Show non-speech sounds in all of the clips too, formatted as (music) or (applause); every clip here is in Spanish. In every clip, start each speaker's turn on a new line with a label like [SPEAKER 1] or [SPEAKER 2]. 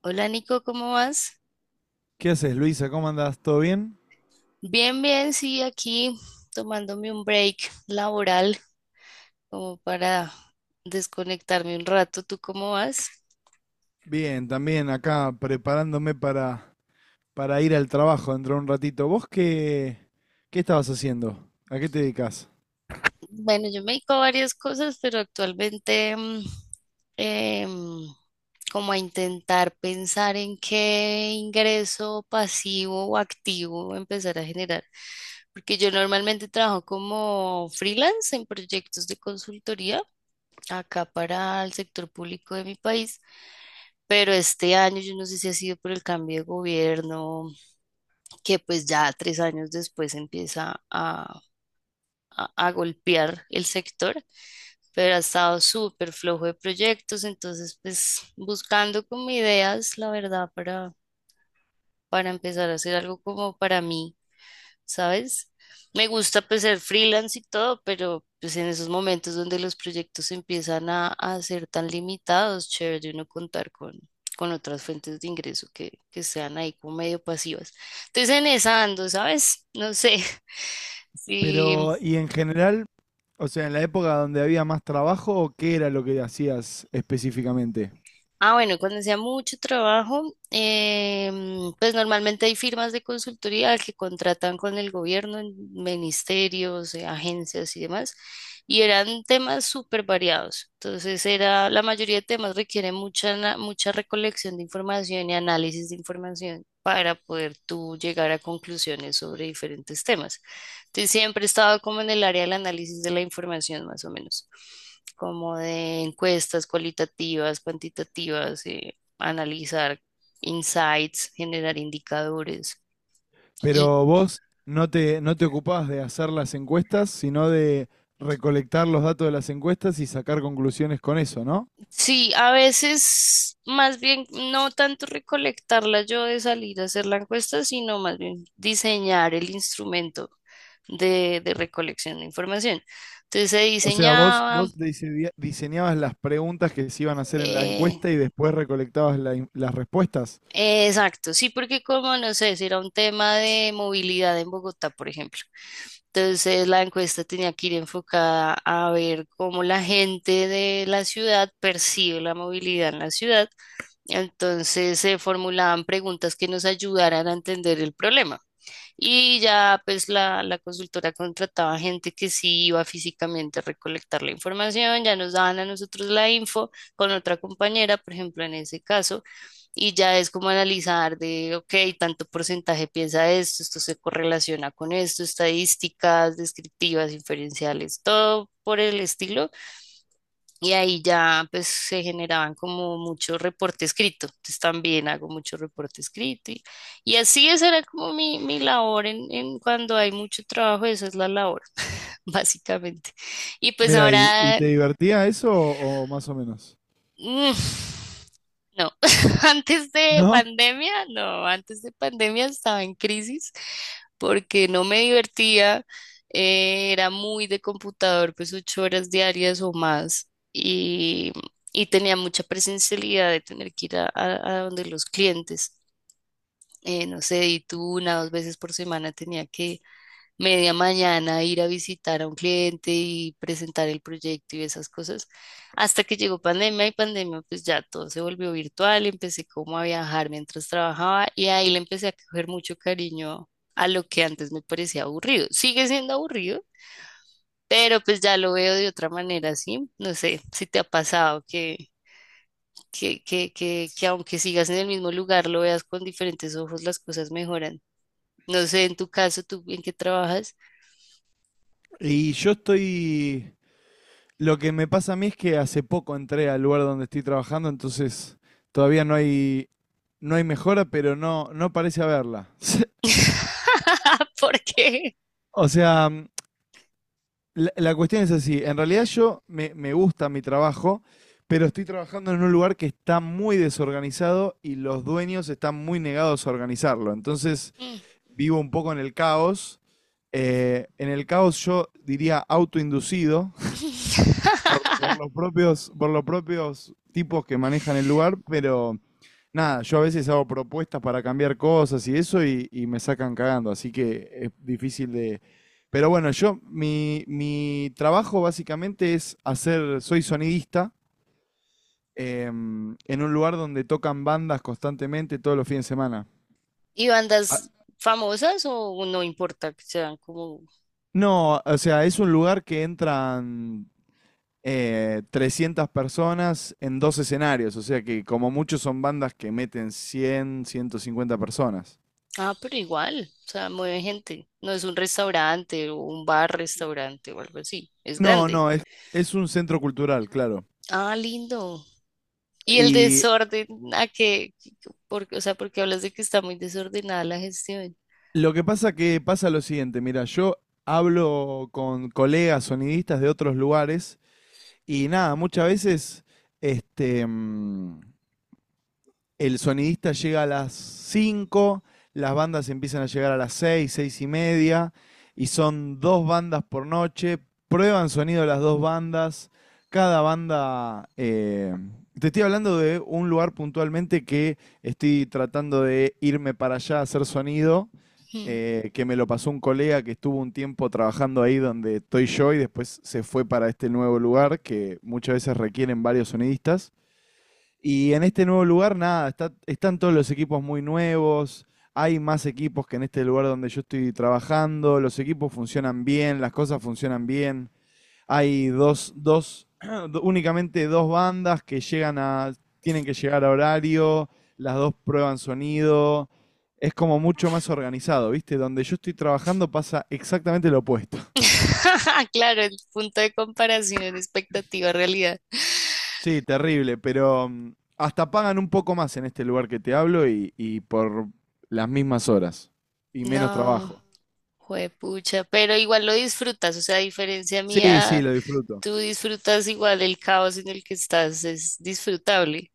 [SPEAKER 1] Hola Nico, ¿cómo vas?
[SPEAKER 2] ¿Qué haces, Luisa? ¿Cómo andás? ¿Todo bien?
[SPEAKER 1] Bien, bien, sí, aquí tomándome un break laboral como para desconectarme un rato. ¿Tú cómo vas?
[SPEAKER 2] Bien, también acá preparándome para ir al trabajo dentro de un ratito. ¿Vos qué estabas haciendo? ¿A qué te dedicas?
[SPEAKER 1] Bueno, yo me dedico a varias cosas, pero actualmente em, como a intentar pensar en qué ingreso pasivo o activo empezar a generar. Porque yo normalmente trabajo como freelance en proyectos de consultoría acá para el sector público de mi país, pero este año yo no sé si ha sido por el cambio de gobierno, que pues ya 3 años después empieza a golpear el sector, pero ha estado súper flojo de proyectos, entonces pues buscando como ideas, la verdad, para empezar a hacer algo como para mí, ¿sabes? Me gusta pues ser freelance y todo, pero pues en esos momentos donde los proyectos empiezan a ser tan limitados, chévere de uno contar con otras fuentes de ingreso que sean ahí como medio pasivas. Entonces en esa ando, ¿sabes? No sé (laughs) si.
[SPEAKER 2] Pero, y en general, o sea, en la época donde había más trabajo, ¿qué era lo que hacías específicamente?
[SPEAKER 1] Ah, bueno, cuando sea mucho trabajo, pues normalmente hay firmas de consultoría que contratan con el gobierno, en ministerios, agencias y demás, y eran temas súper variados. Entonces, era, la mayoría de temas requiere mucha, mucha recolección de información y análisis de información para poder tú llegar a conclusiones sobre diferentes temas. Sí, siempre he estado como en el área del análisis de la información, más o menos, como de encuestas cualitativas, cuantitativas, analizar insights, generar indicadores. Y
[SPEAKER 2] Pero vos no te ocupabas de hacer las encuestas, sino de recolectar los datos de las encuestas y sacar conclusiones con eso, ¿no?
[SPEAKER 1] sí, a veces más bien no tanto recolectarla yo de salir a hacer la encuesta, sino más bien diseñar el instrumento de recolección de información. Entonces se
[SPEAKER 2] O sea, vos,
[SPEAKER 1] diseñaba,
[SPEAKER 2] vos diseña- diseñabas las preguntas que se iban a hacer en la
[SPEAKER 1] eh,
[SPEAKER 2] encuesta y después recolectabas las respuestas.
[SPEAKER 1] exacto, sí, porque como no sé, si era un tema de movilidad en Bogotá, por ejemplo. Entonces la encuesta tenía que ir enfocada a ver cómo la gente de la ciudad percibe la movilidad en la ciudad. Entonces se formulaban preguntas que nos ayudaran a entender el problema. Y ya pues la consultora contrataba gente que sí iba físicamente a recolectar la información, ya nos daban a nosotros la info con otra compañera, por ejemplo, en ese caso, y ya es como analizar de, ok, tanto porcentaje piensa esto, esto se correlaciona con esto, estadísticas descriptivas, inferenciales, todo por el estilo. Y ahí ya pues se generaban como mucho reporte escrito. Entonces también hago mucho reporte escrito. Y así esa era como mi labor en cuando hay mucho trabajo, esa es la labor, (laughs) básicamente. Y pues
[SPEAKER 2] Mira, ¿y
[SPEAKER 1] ahora.
[SPEAKER 2] te divertía eso o más o menos?
[SPEAKER 1] Mm, no, (laughs) antes de
[SPEAKER 2] No,
[SPEAKER 1] pandemia, no, antes de pandemia estaba en crisis porque no me divertía, era muy de computador, pues 8 horas diarias o más y tenía mucha presencialidad de tener que ir a donde los clientes, no sé, y tú una dos veces por semana tenía que media mañana ir a visitar a un cliente y presentar el proyecto y esas cosas. Hasta que llegó pandemia y pandemia, pues ya todo se volvió virtual, empecé como a viajar mientras trabajaba y ahí le empecé a coger mucho cariño a lo que antes me parecía aburrido. Sigue siendo aburrido, pero pues ya lo veo de otra manera, ¿sí? No sé si te ha pasado que... Que aunque sigas en el mismo lugar, lo veas con diferentes ojos, las cosas mejoran. No sé, en tu caso, ¿tú en qué trabajas?
[SPEAKER 2] y yo estoy... Lo que me pasa a mí es que hace poco entré al lugar donde estoy trabajando, entonces todavía no hay mejora, pero no, no parece haberla. (laughs)
[SPEAKER 1] (laughs) ¿Por qué?
[SPEAKER 2] O sea, la cuestión es así. En realidad me gusta mi trabajo, pero estoy trabajando en un lugar que está muy desorganizado y los dueños están muy negados a organizarlo. Entonces
[SPEAKER 1] Mm.
[SPEAKER 2] vivo un poco en el caos. En el caos yo diría autoinducido,
[SPEAKER 1] (laughs)
[SPEAKER 2] por los propios tipos que manejan el lugar, pero nada, yo a veces hago propuestas para cambiar cosas y eso y me sacan cagando, así que es difícil de... Pero bueno, yo, mi trabajo básicamente es hacer, soy sonidista, en un lugar donde tocan bandas constantemente todos los fines de semana.
[SPEAKER 1] ¿Y
[SPEAKER 2] Ah,
[SPEAKER 1] bandas famosas o no importa que sean como...
[SPEAKER 2] no, o sea, es un lugar que entran, 300 personas en dos escenarios, o sea que como mucho son bandas que meten cien, ciento cincuenta personas.
[SPEAKER 1] Ah, pero igual, o sea, mueve gente. No es un restaurante o un bar restaurante o algo así. Es
[SPEAKER 2] No,
[SPEAKER 1] grande.
[SPEAKER 2] no, es un centro cultural, claro.
[SPEAKER 1] Ah, lindo. ¿Y el
[SPEAKER 2] Y
[SPEAKER 1] desorden? ¿A qué? Porque, o sea, porque hablas de que está muy desordenada la gestión.
[SPEAKER 2] lo que pasa lo siguiente, mira, yo hablo con colegas sonidistas de otros lugares y nada, muchas veces este, mm, el sonidista llega a las 5, las bandas empiezan a llegar a las 6, 6 y media, y son dos bandas por noche, prueban sonido las dos bandas, cada banda... te estoy hablando de un lugar puntualmente que estoy tratando de irme para allá a hacer sonido,
[SPEAKER 1] Mm.
[SPEAKER 2] que me lo pasó un colega que estuvo un tiempo trabajando ahí donde estoy yo y después se fue para este nuevo lugar que muchas veces requieren varios sonidistas. Y en este nuevo lugar, nada, están todos los equipos muy nuevos, hay más equipos que en este lugar donde yo estoy trabajando, los equipos funcionan bien, las cosas funcionan bien, hay dos (clears throat) únicamente dos bandas que llegan a, tienen que llegar a horario, las dos prueban sonido, es como mucho más organizado, ¿viste? Donde yo estoy trabajando pasa exactamente lo opuesto.
[SPEAKER 1] (laughs) Claro, el punto de comparación, expectativa, realidad.
[SPEAKER 2] Sí, terrible, pero hasta pagan un poco más en este lugar que te hablo y por las mismas horas y menos
[SPEAKER 1] No.
[SPEAKER 2] trabajo.
[SPEAKER 1] Juepucha, pero igual lo disfrutas, o sea, a diferencia
[SPEAKER 2] Sí,
[SPEAKER 1] mía,
[SPEAKER 2] sí, lo disfruto.
[SPEAKER 1] tú disfrutas igual el caos en el que estás, es disfrutable,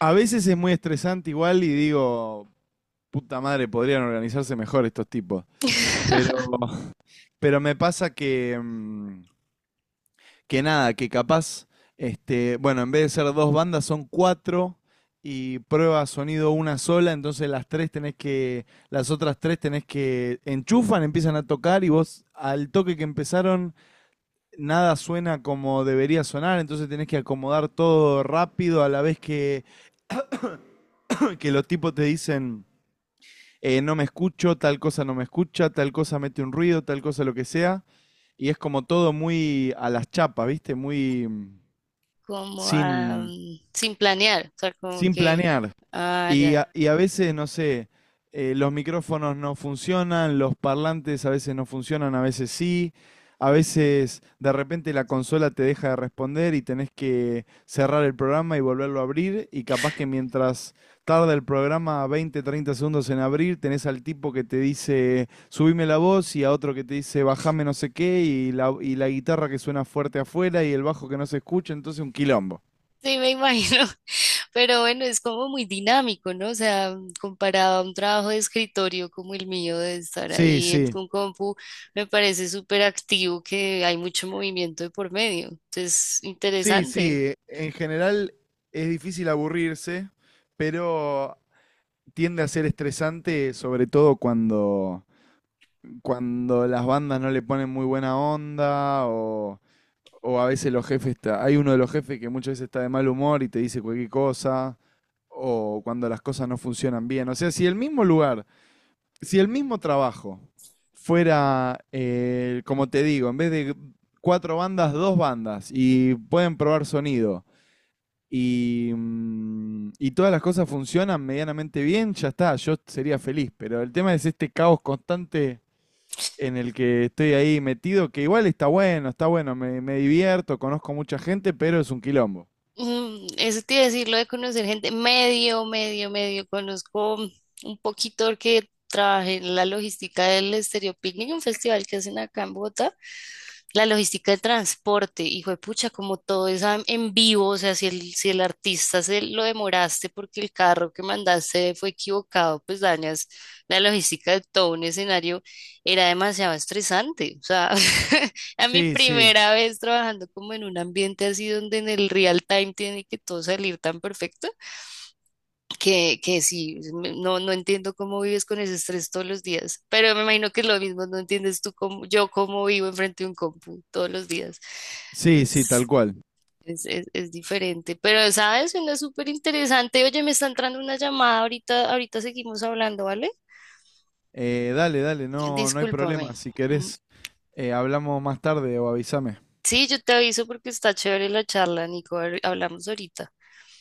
[SPEAKER 2] A veces es muy estresante igual y digo, puta madre, podrían organizarse mejor estos tipos. Pero, (laughs) pero me pasa que nada, que capaz, bueno, en vez de ser dos bandas son cuatro y prueba sonido una sola, entonces las otras tres tenés que enchufan, empiezan a tocar y vos al toque que empezaron nada suena como debería sonar, entonces tenés que acomodar todo rápido a la vez que los tipos te dicen, no me escucho, tal cosa no me escucha, tal cosa mete un ruido, tal cosa lo que sea. Y es como todo muy a las chapas, ¿viste? Muy,
[SPEAKER 1] como ah,
[SPEAKER 2] sin,
[SPEAKER 1] sin planear, o sea, como
[SPEAKER 2] sin
[SPEAKER 1] que,
[SPEAKER 2] planear.
[SPEAKER 1] ah, ya,
[SPEAKER 2] Y a veces, no sé, los micrófonos no funcionan, los parlantes a veces no funcionan, a veces sí. A veces de repente la consola te deja de responder y tenés que cerrar el programa y volverlo a abrir. Y capaz que mientras tarda el programa 20, 30 segundos en abrir, tenés al tipo que te dice subime la voz y a otro que te dice bajame no sé qué y la guitarra que suena fuerte afuera y el bajo que no se escucha. Entonces un quilombo.
[SPEAKER 1] sí, me imagino, (laughs) pero bueno, es como muy dinámico, ¿no? O sea, comparado a un trabajo de escritorio como el mío, de estar
[SPEAKER 2] Sí,
[SPEAKER 1] ahí en
[SPEAKER 2] sí.
[SPEAKER 1] un compu, me parece súper activo que hay mucho movimiento de por medio, entonces,
[SPEAKER 2] Sí,
[SPEAKER 1] interesante.
[SPEAKER 2] sí, en general es difícil aburrirse, pero tiende a ser estresante, sobre todo cuando las bandas no le ponen muy buena onda o a veces los jefes, está, hay uno de los jefes que muchas veces está de mal humor y te dice cualquier cosa, o cuando las cosas no funcionan bien. O sea, si el mismo lugar, si el mismo trabajo fuera, como te digo, en vez de cuatro bandas, dos bandas y pueden probar sonido y, y todas las cosas funcionan medianamente bien, ya está, yo sería feliz, pero el tema es este caos constante en el que estoy ahí metido, que igual está bueno, me divierto, conozco mucha gente, pero es un quilombo.
[SPEAKER 1] Mm, eso te iba a decir, lo de conocer gente, medio, medio, medio, conozco un poquito que trabajé en la logística del Estéreo Picnic, un festival que hacen acá en Bogotá, la logística del transporte, hijo de pucha, como todo es en vivo, o sea, si el, si el artista se lo demoraste porque el carro que mandaste fue equivocado, pues dañas la logística de todo un escenario, era demasiado estresante, o sea, (laughs) a mi
[SPEAKER 2] Sí, sí,
[SPEAKER 1] primera vez trabajando como en un ambiente así donde en el real time tiene que todo salir tan perfecto, que sí, no, no entiendo cómo vives con ese estrés todos los días, pero me imagino que es lo mismo, no entiendes tú cómo, yo cómo vivo enfrente de un compu todos los días.
[SPEAKER 2] sí, sí, tal
[SPEAKER 1] Es,
[SPEAKER 2] cual.
[SPEAKER 1] es diferente, pero sabes, suena súper interesante. Oye, me está entrando una llamada, ahorita, ahorita seguimos hablando, ¿vale?
[SPEAKER 2] Dale, dale, no, no hay
[SPEAKER 1] Discúlpame.
[SPEAKER 2] problema, si
[SPEAKER 1] Mm,
[SPEAKER 2] querés, hablamos más tarde o avísame.
[SPEAKER 1] sí, yo te aviso porque está chévere la charla, Nico. A ver, hablamos ahorita.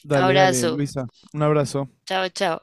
[SPEAKER 2] Dale, dale,
[SPEAKER 1] Abrazo.
[SPEAKER 2] Luisa, un abrazo.
[SPEAKER 1] Chao, chao.